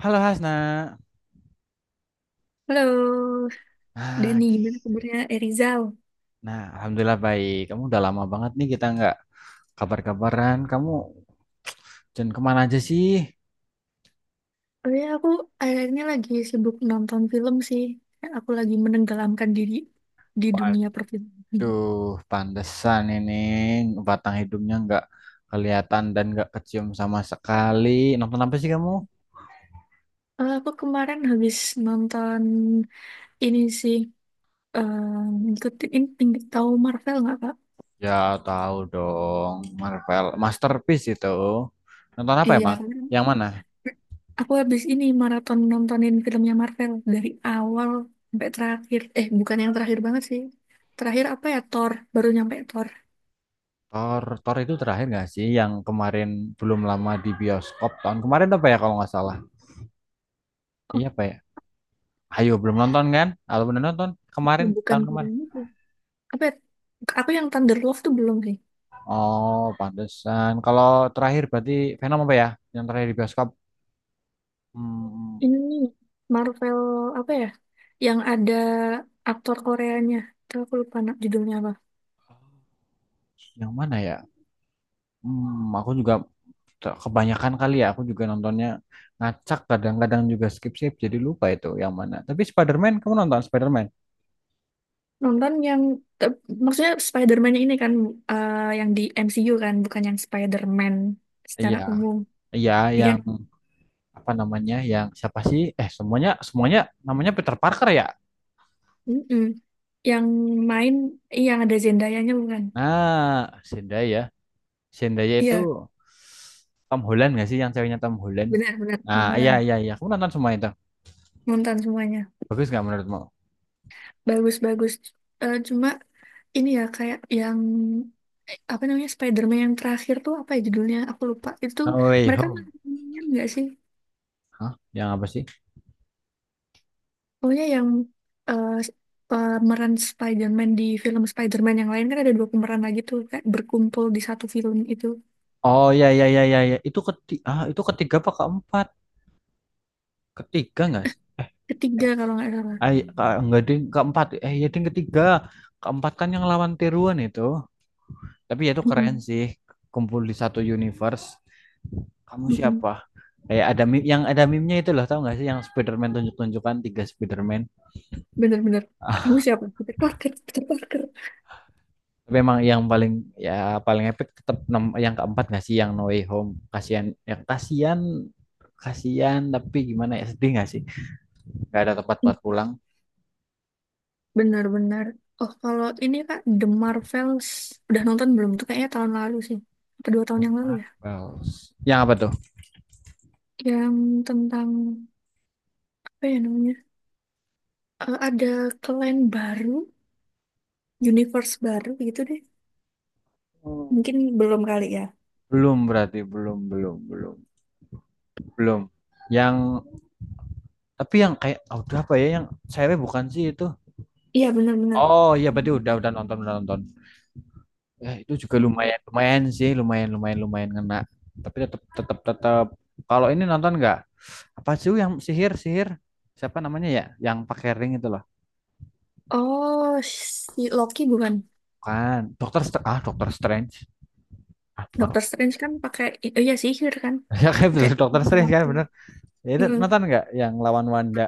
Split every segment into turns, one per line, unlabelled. Halo Hasna.
Halo,
Nah,
Dani, gimana kabarnya? Rizal.
nah, alhamdulillah baik. Kamu udah lama banget nih kita nggak kabar-kabaran. Kamu jangan kemana aja sih?
Oh ya, aku akhirnya lagi sibuk nonton film sih. Aku lagi menenggelamkan diri di dunia perfilman.
Waduh, pantesan ini batang hidungnya nggak kelihatan dan nggak kecium sama sekali. Nonton apa sih kamu?
Aku kemarin habis nonton ini sih, eh, ngikutin ini tinggi tahu Marvel nggak Kak?
Ya tahu dong, Marvel Masterpiece itu. Nonton apa
Iya,
emang?
kemarin
Yang mana?
aku habis ini maraton nontonin filmnya Marvel dari awal sampai terakhir. Bukan yang terakhir banget sih. Terakhir apa ya, Thor. Baru nyampe Thor.
Thor, Thor itu terakhir nggak sih? Yang kemarin belum lama di bioskop tahun kemarin apa ya kalau nggak salah?
Oh,
Iya apa ya? Ayo belum nonton kan? Kalau belum nonton kemarin
bukan
tahun
Thor.
kemarin.
Apa ya, aku yang Thunder Love tuh belum sih.
Oh, pantesan. Kalau terakhir berarti Venom apa ya? Yang terakhir di bioskop. Hmm,
Ini nih, Marvel apa ya yang ada aktor Koreanya tuh aku lupa judulnya apa.
yang mana ya? Hmm, aku juga kebanyakan kali ya. Aku juga nontonnya ngacak, kadang-kadang juga skip-skip, jadi lupa itu yang mana. Tapi Spider-Man, kamu nonton Spider-Man?
Nonton yang maksudnya Spider-Man ini kan, yang di MCU kan bukan yang Spider-Man secara
Iya.
umum.
Iya,
Iya.
yang apa namanya? Yang siapa sih? Eh, semuanya semuanya namanya Peter Parker ya?
Mm-mm. Yang main, iya, yang ada Zendaya nya bukan.
Nah, Zendaya. Zendaya itu
Iya,
Tom Holland nggak sih, yang ceweknya Tom Holland?
benar-benar
Nah,
Tom
iya,
Holland.
iya, iya. Aku nonton semua itu.
Nonton semuanya.
Bagus nggak menurutmu?
Bagus-bagus. Cuma ini ya kayak yang, apa namanya, Spider-Man yang terakhir tuh apa ya judulnya? Aku lupa. Itu
No Way
mereka
Home.
main nggak sih?
Hah? Yang apa sih?
Pokoknya yang, eh, s- pemeran Spider-Man di film Spider-Man yang lain kan ada dua pemeran lagi tuh kayak berkumpul di satu film itu.
Oh, iya, iya, iya, iya, iya. Itu ketiga apa keempat? Ketiga nggak sih?
Ketiga
Eh,
kalau nggak salah.
enggak ding, keempat. Ya ding, ketiga. Keempat kan yang lawan tiruan itu. Tapi ya itu keren
Mm-mm.
sih. Kumpul di satu universe. Kamu
Mm-mm.
siapa? Kayak ada meme, yang ada meme-nya itu loh, tau nggak sih, yang Spider-Man tunjuk-tunjukkan tiga Spider-Man.
Bener-bener. Kamu siapa? Peter Parker. Peter Parker.
Tapi emang yang paling, ya paling epic, tetap yang keempat nggak sih, yang No Way Home. Kasihan ya, kasihan, kasihan, tapi gimana ya, sedih nggak sih? Nggak ada tempat
Mm.
buat pulang.
Bener-bener. Oh kalau ini kak The Marvels udah nonton belum? Tuh kayaknya tahun lalu sih. Atau dua tahun yang lalu ya?
Marvels. Yang apa tuh?
Yang tentang apa ya namanya? Ada clan baru, universe baru gitu deh. Mungkin belum kali ya.
Belum, berarti belum, belum, belum, belum. Yang, tapi yang kayak, oh, udah apa ya, yang cewek bukan sih itu?
Iya, benar-benar.
Oh iya, berarti udah
Hmm.
udah nonton, udah nonton. Ya itu juga lumayan, lumayan sih, lumayan, lumayan, lumayan ngena. Tapi tetap, tetap, tetap, kalau ini nonton nggak? Apa sih yang sihir, sihir, siapa namanya ya, yang pakai ring itu loh,
Oh, si Loki bukan.
kan Dokter Dokter Strange, ah bukan
Doctor Strange kan pakai, oh iya sihir kan,
ya kan
pakai
betul, Dokter
sihir
Strange kan
waktu.
bener. Ya itu
Mm-mm.
nonton nggak, yang lawan Wanda?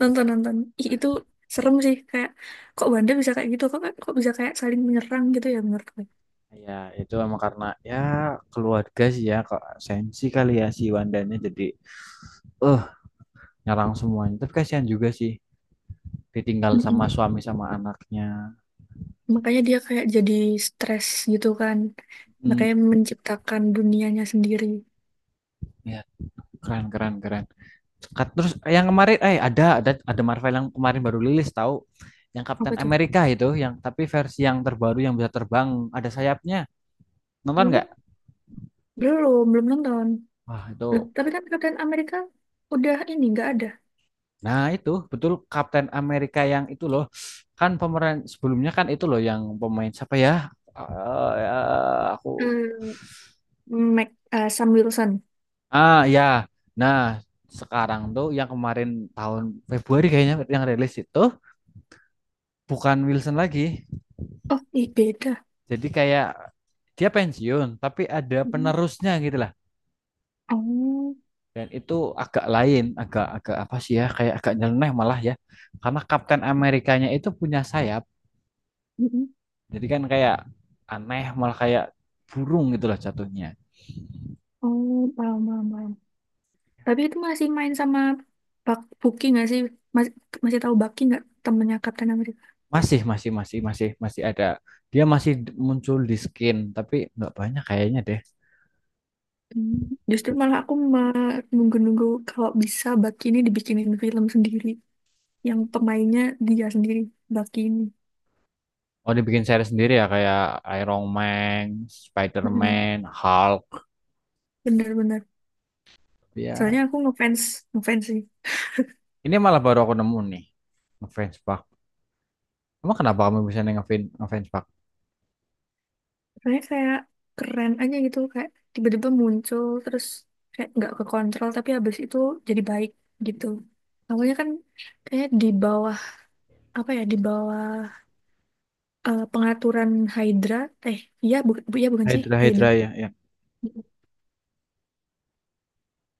Nonton nonton. Ih, itu serem sih. Kayak kok Wanda bisa kayak gitu? Kok kok bisa kayak saling menyerang gitu ya menurut gue.
Ya itu emang karena, ya keluarga sih, ya kok sensi kali ya si Wandanya, jadi eh nyerang semuanya, tapi kasihan juga sih, ditinggal sama
Mm-mm.
suami sama anaknya.
Makanya dia kayak jadi stres gitu kan.
hmm,
Makanya menciptakan dunianya sendiri.
Ya, keren, keren, keren. Terus yang kemarin, ada Marvel yang kemarin baru rilis, tahu, yang Captain
Apa tuh?
America itu, yang tapi versi yang terbaru, yang bisa terbang, ada sayapnya, nonton
Iya kan?
nggak?
Belum, belum nonton.
Wah itu,
Loh, tapi kan Kapten Amerika udah ini, nggak ada.
nah itu betul, Captain America yang itu loh. Kan pemeran sebelumnya kan itu loh, yang pemain siapa ya? Ya, aku,
Hmm, Mac, Sam Wilson.
ya, nah, sekarang tuh yang kemarin tahun Februari kayaknya yang rilis itu bukan Wilson lagi.
Oh, ih, beda.
Jadi kayak dia pensiun tapi ada
Mm-mm.
penerusnya gitu lah.
Oh,
Dan itu agak lain, agak agak apa sih ya? Kayak agak nyeleneh malah ya. Karena Kapten Amerikanya itu punya sayap.
mm-mm.
Jadi kan kayak aneh malah, kayak burung gitu lah jatuhnya.
Oh, paham, paham, paham. Tapi itu masih main sama Bucky nggak sih? Mas- masih tahu Bucky nggak temennya Kapten Amerika?
Masih, masih, masih, masih, masih ada. Dia masih muncul di skin tapi nggak banyak kayaknya deh.
Hmm, justru malah aku nunggu-nunggu kalau bisa Bucky ini dibikinin film sendiri. Yang pemainnya dia sendiri, Bucky ini.
Oh, dibikin series sendiri ya, kayak Iron Man,
Mm-mm.
Spider-Man, Hulk
Bener-bener.
ya.
Soalnya ngefans sih.
Ini malah baru aku nemu nih. Ngefans banget. Emang kenapa kamu bisa ngefans ngefans Pak?
Soalnya kayak keren aja gitu kayak tiba-tiba muncul terus kayak nggak ke kontrol tapi habis itu jadi baik gitu. Awalnya kan kayak di bawah apa ya, di bawah, pengaturan Hydra, eh iya bu, bu- iya bukan sih
Hydra,
Hydra,
Hydra, ya, ya.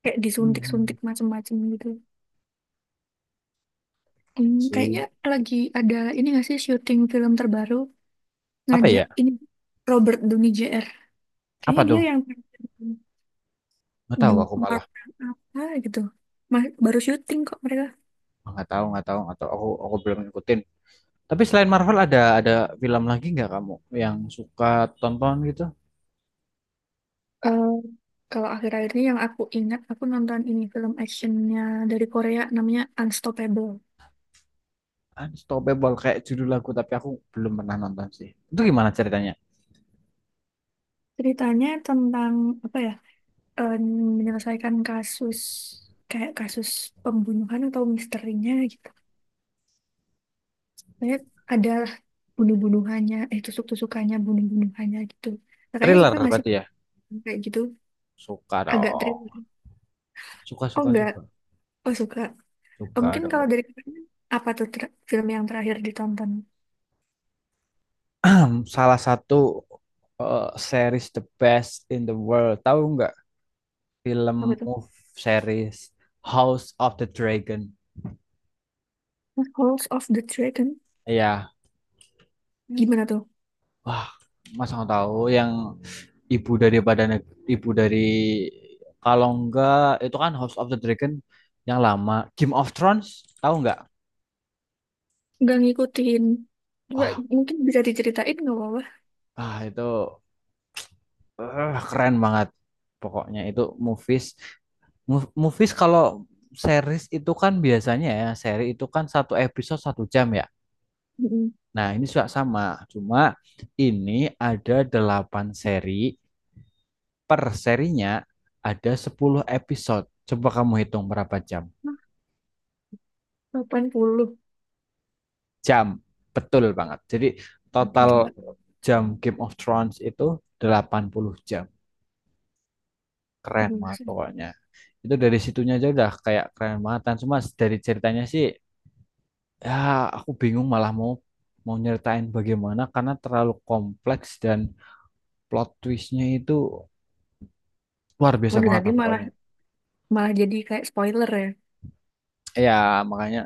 kayak
Hmm.
disuntik-suntik macem-macem gitu.
Keren
Hmm, kayaknya
sih.
lagi ada ini nggak sih syuting film terbaru
Apa ya?
ngajak ini Robert Downey Jr.
Apa
Kayaknya
tuh?
dia yang
Nggak
The
tahu aku malah.
Marvel apa gitu. Baru syuting kok mereka.
Nggak tahu, atau, aku belum ngikutin. Tapi selain Marvel ada film lagi nggak, kamu yang suka tonton gitu?
Kalau akhir-akhir ini yang aku ingat, aku nonton ini film actionnya dari Korea namanya Unstoppable.
Unstoppable, kayak judul lagu, tapi aku belum pernah nonton sih. Itu gimana ceritanya?
Ceritanya tentang apa ya? em, menyelesaikan kasus, kayak kasus pembunuhan atau misterinya gitu. Kayak ada bunuh-bunuhannya, eh tusuk-tusukannya, bunuh-bunuhannya gitu. Kakaknya
Thriller
suka nggak sih
berarti ya?
kayak gitu?
Suka
Agak
dong.
thriller.
Suka,
Oh
suka,
enggak,
suka.
oh suka. Oh,
Suka
mungkin kalau
dong.
dari kakaknya, apa tuh film yang terakhir ditonton?
Salah satu, series the best in the world. Tahu nggak,
Apa
film,
tuh?
move, series House of the Dragon.
House of the Dragon.
Iya,
Gimana tuh?
wah, Mas nggak tahu yang, ibu daripada ibu dari, kalau enggak itu kan House of the Dragon yang lama, Game of Thrones, tahu nggak?
Nggak ngikutin. Coba
Wah,
mungkin bisa diceritain nggak apa-apa.
itu, keren banget. Pokoknya itu movies, movies kalau series itu kan biasanya ya, seri itu kan satu episode satu jam ya.
Mm-mm.
Nah, ini juga sama, cuma ini ada delapan seri, per serinya ada 10 episode. Coba kamu hitung berapa jam.
Hah, 80.
Jam, betul banget. Jadi total
Gila.
jam Game of Thrones itu 80 jam. Keren banget
Buset.
pokoknya. Itu dari situnya aja udah kayak keren banget. Dan cuma dari ceritanya sih, ya aku bingung malah mau, mau nyeritain bagaimana karena terlalu kompleks, dan plot twistnya itu luar biasa
Waduh,
banget
nanti
lah
malah
pokoknya.
malah jadi kayak spoiler ya.
Ya makanya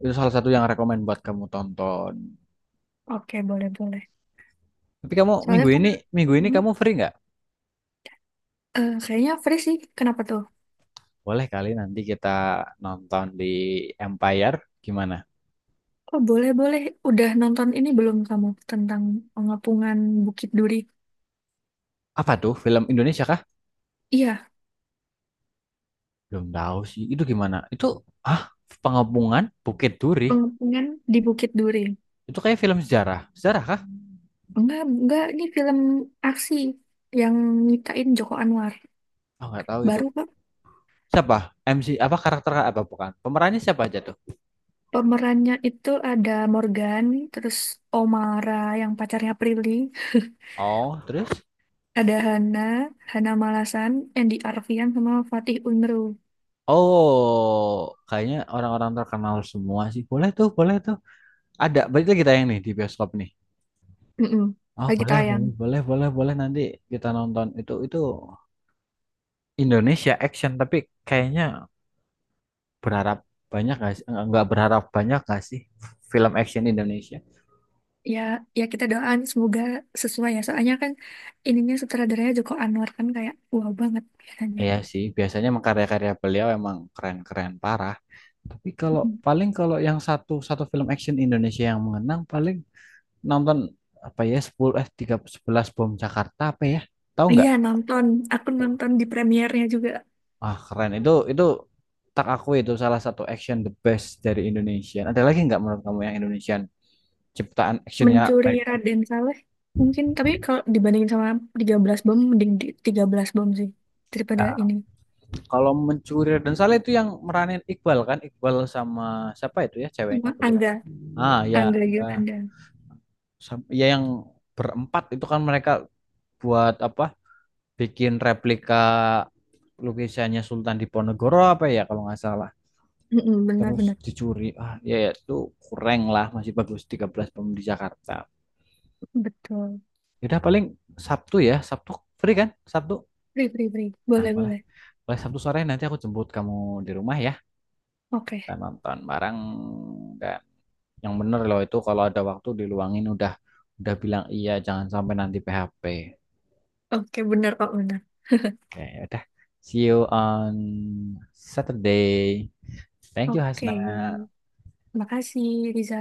itu salah satu yang rekomend buat kamu tonton.
Oke, boleh-boleh.
Tapi kamu
Soalnya kalau,
minggu ini
hmm,
kamu free nggak?
kayaknya free sih. Kenapa tuh?
Boleh kali nanti kita nonton di Empire. Gimana?
Oh, boleh-boleh. Udah nonton ini belum kamu tentang pengepungan Bukit Duri?
Apa tuh, film Indonesia kah?
Iya,
Belum tahu sih. Itu gimana? Itu, ah, Pengepungan Bukit Duri.
pengepungan di Bukit Duri.
Itu kayak film sejarah. Sejarah kah?
Enggak, enggak. Ini film aksi yang nyitain Joko Anwar.
Oh, nggak tahu itu.
Baru kok.
Siapa? MC apa karakter apa bukan? Pemerannya siapa aja tuh?
Pemerannya itu ada Morgan, terus Omara yang pacarnya Prilly,
Oh, terus?
ada Hana, Hana Malasan, Andy Arfian, sama Fatih Unru.
Oh kayaknya orang-orang terkenal semua sih. Boleh tuh, boleh tuh. Ada berarti kita yang nih di bioskop nih.
Mm-mm.
Oh
Lagi
boleh,
tayang.
boleh, boleh, boleh, boleh, nanti kita nonton itu Indonesia action, tapi kayaknya berharap banyak gak sih? Nggak berharap banyak gak sih film action Indonesia?
Ya, ya kita doain semoga sesuai ya. Soalnya kan ininya sutradaranya Joko Anwar kan kayak wow banget biasanya.
Iya sih, biasanya emang karya-karya beliau emang keren-keren parah. Tapi kalau
Mm-mm.
paling, kalau yang satu, satu film action Indonesia yang mengenang paling, nonton apa ya, 10 eh 3 11 Bom Jakarta apa ya? Tahu
Iya
nggak?
nonton, aku nonton di premiernya juga.
Ah, keren. Itu, tak aku itu salah satu action the best dari Indonesia. Ada lagi nggak menurut kamu yang Indonesian ciptaan actionnya
Mencuri
baik?
Raden Saleh. Mungkin, tapi kalau dibandingin sama 13 bom, mending di 13 bom sih. Daripada ini.
Kalau Mencuri dan Salah itu yang meranin Iqbal kan? Iqbal sama siapa itu ya ceweknya,
Sama
aku lupa.
Angga.
Ah ya,
Angga
enggak.
Yunanda.
Ya, yang berempat itu kan mereka buat apa? Bikin replika lukisannya Sultan Diponegoro apa ya kalau nggak salah.
Mm-mm,
Terus
benar-benar.
dicuri. Ah ya, ya itu kurang lah, masih bagus 13 bom di Jakarta.
Betul.
Yaudah paling Sabtu ya. Sabtu free kan? Sabtu.
Free, free, free.
Nah,
Boleh,
boleh.
boleh.
Boleh Sabtu sore nanti aku jemput kamu di rumah ya.
Oke.
Kita nonton bareng. Enggak, yang bener loh itu, kalau ada waktu diluangin udah bilang iya, jangan sampai nanti PHP.
Oke, benar kok, benar.
Oke, udah. See you on Saturday. Thank you,
Oke.
Hasna.
Makasih, Riza.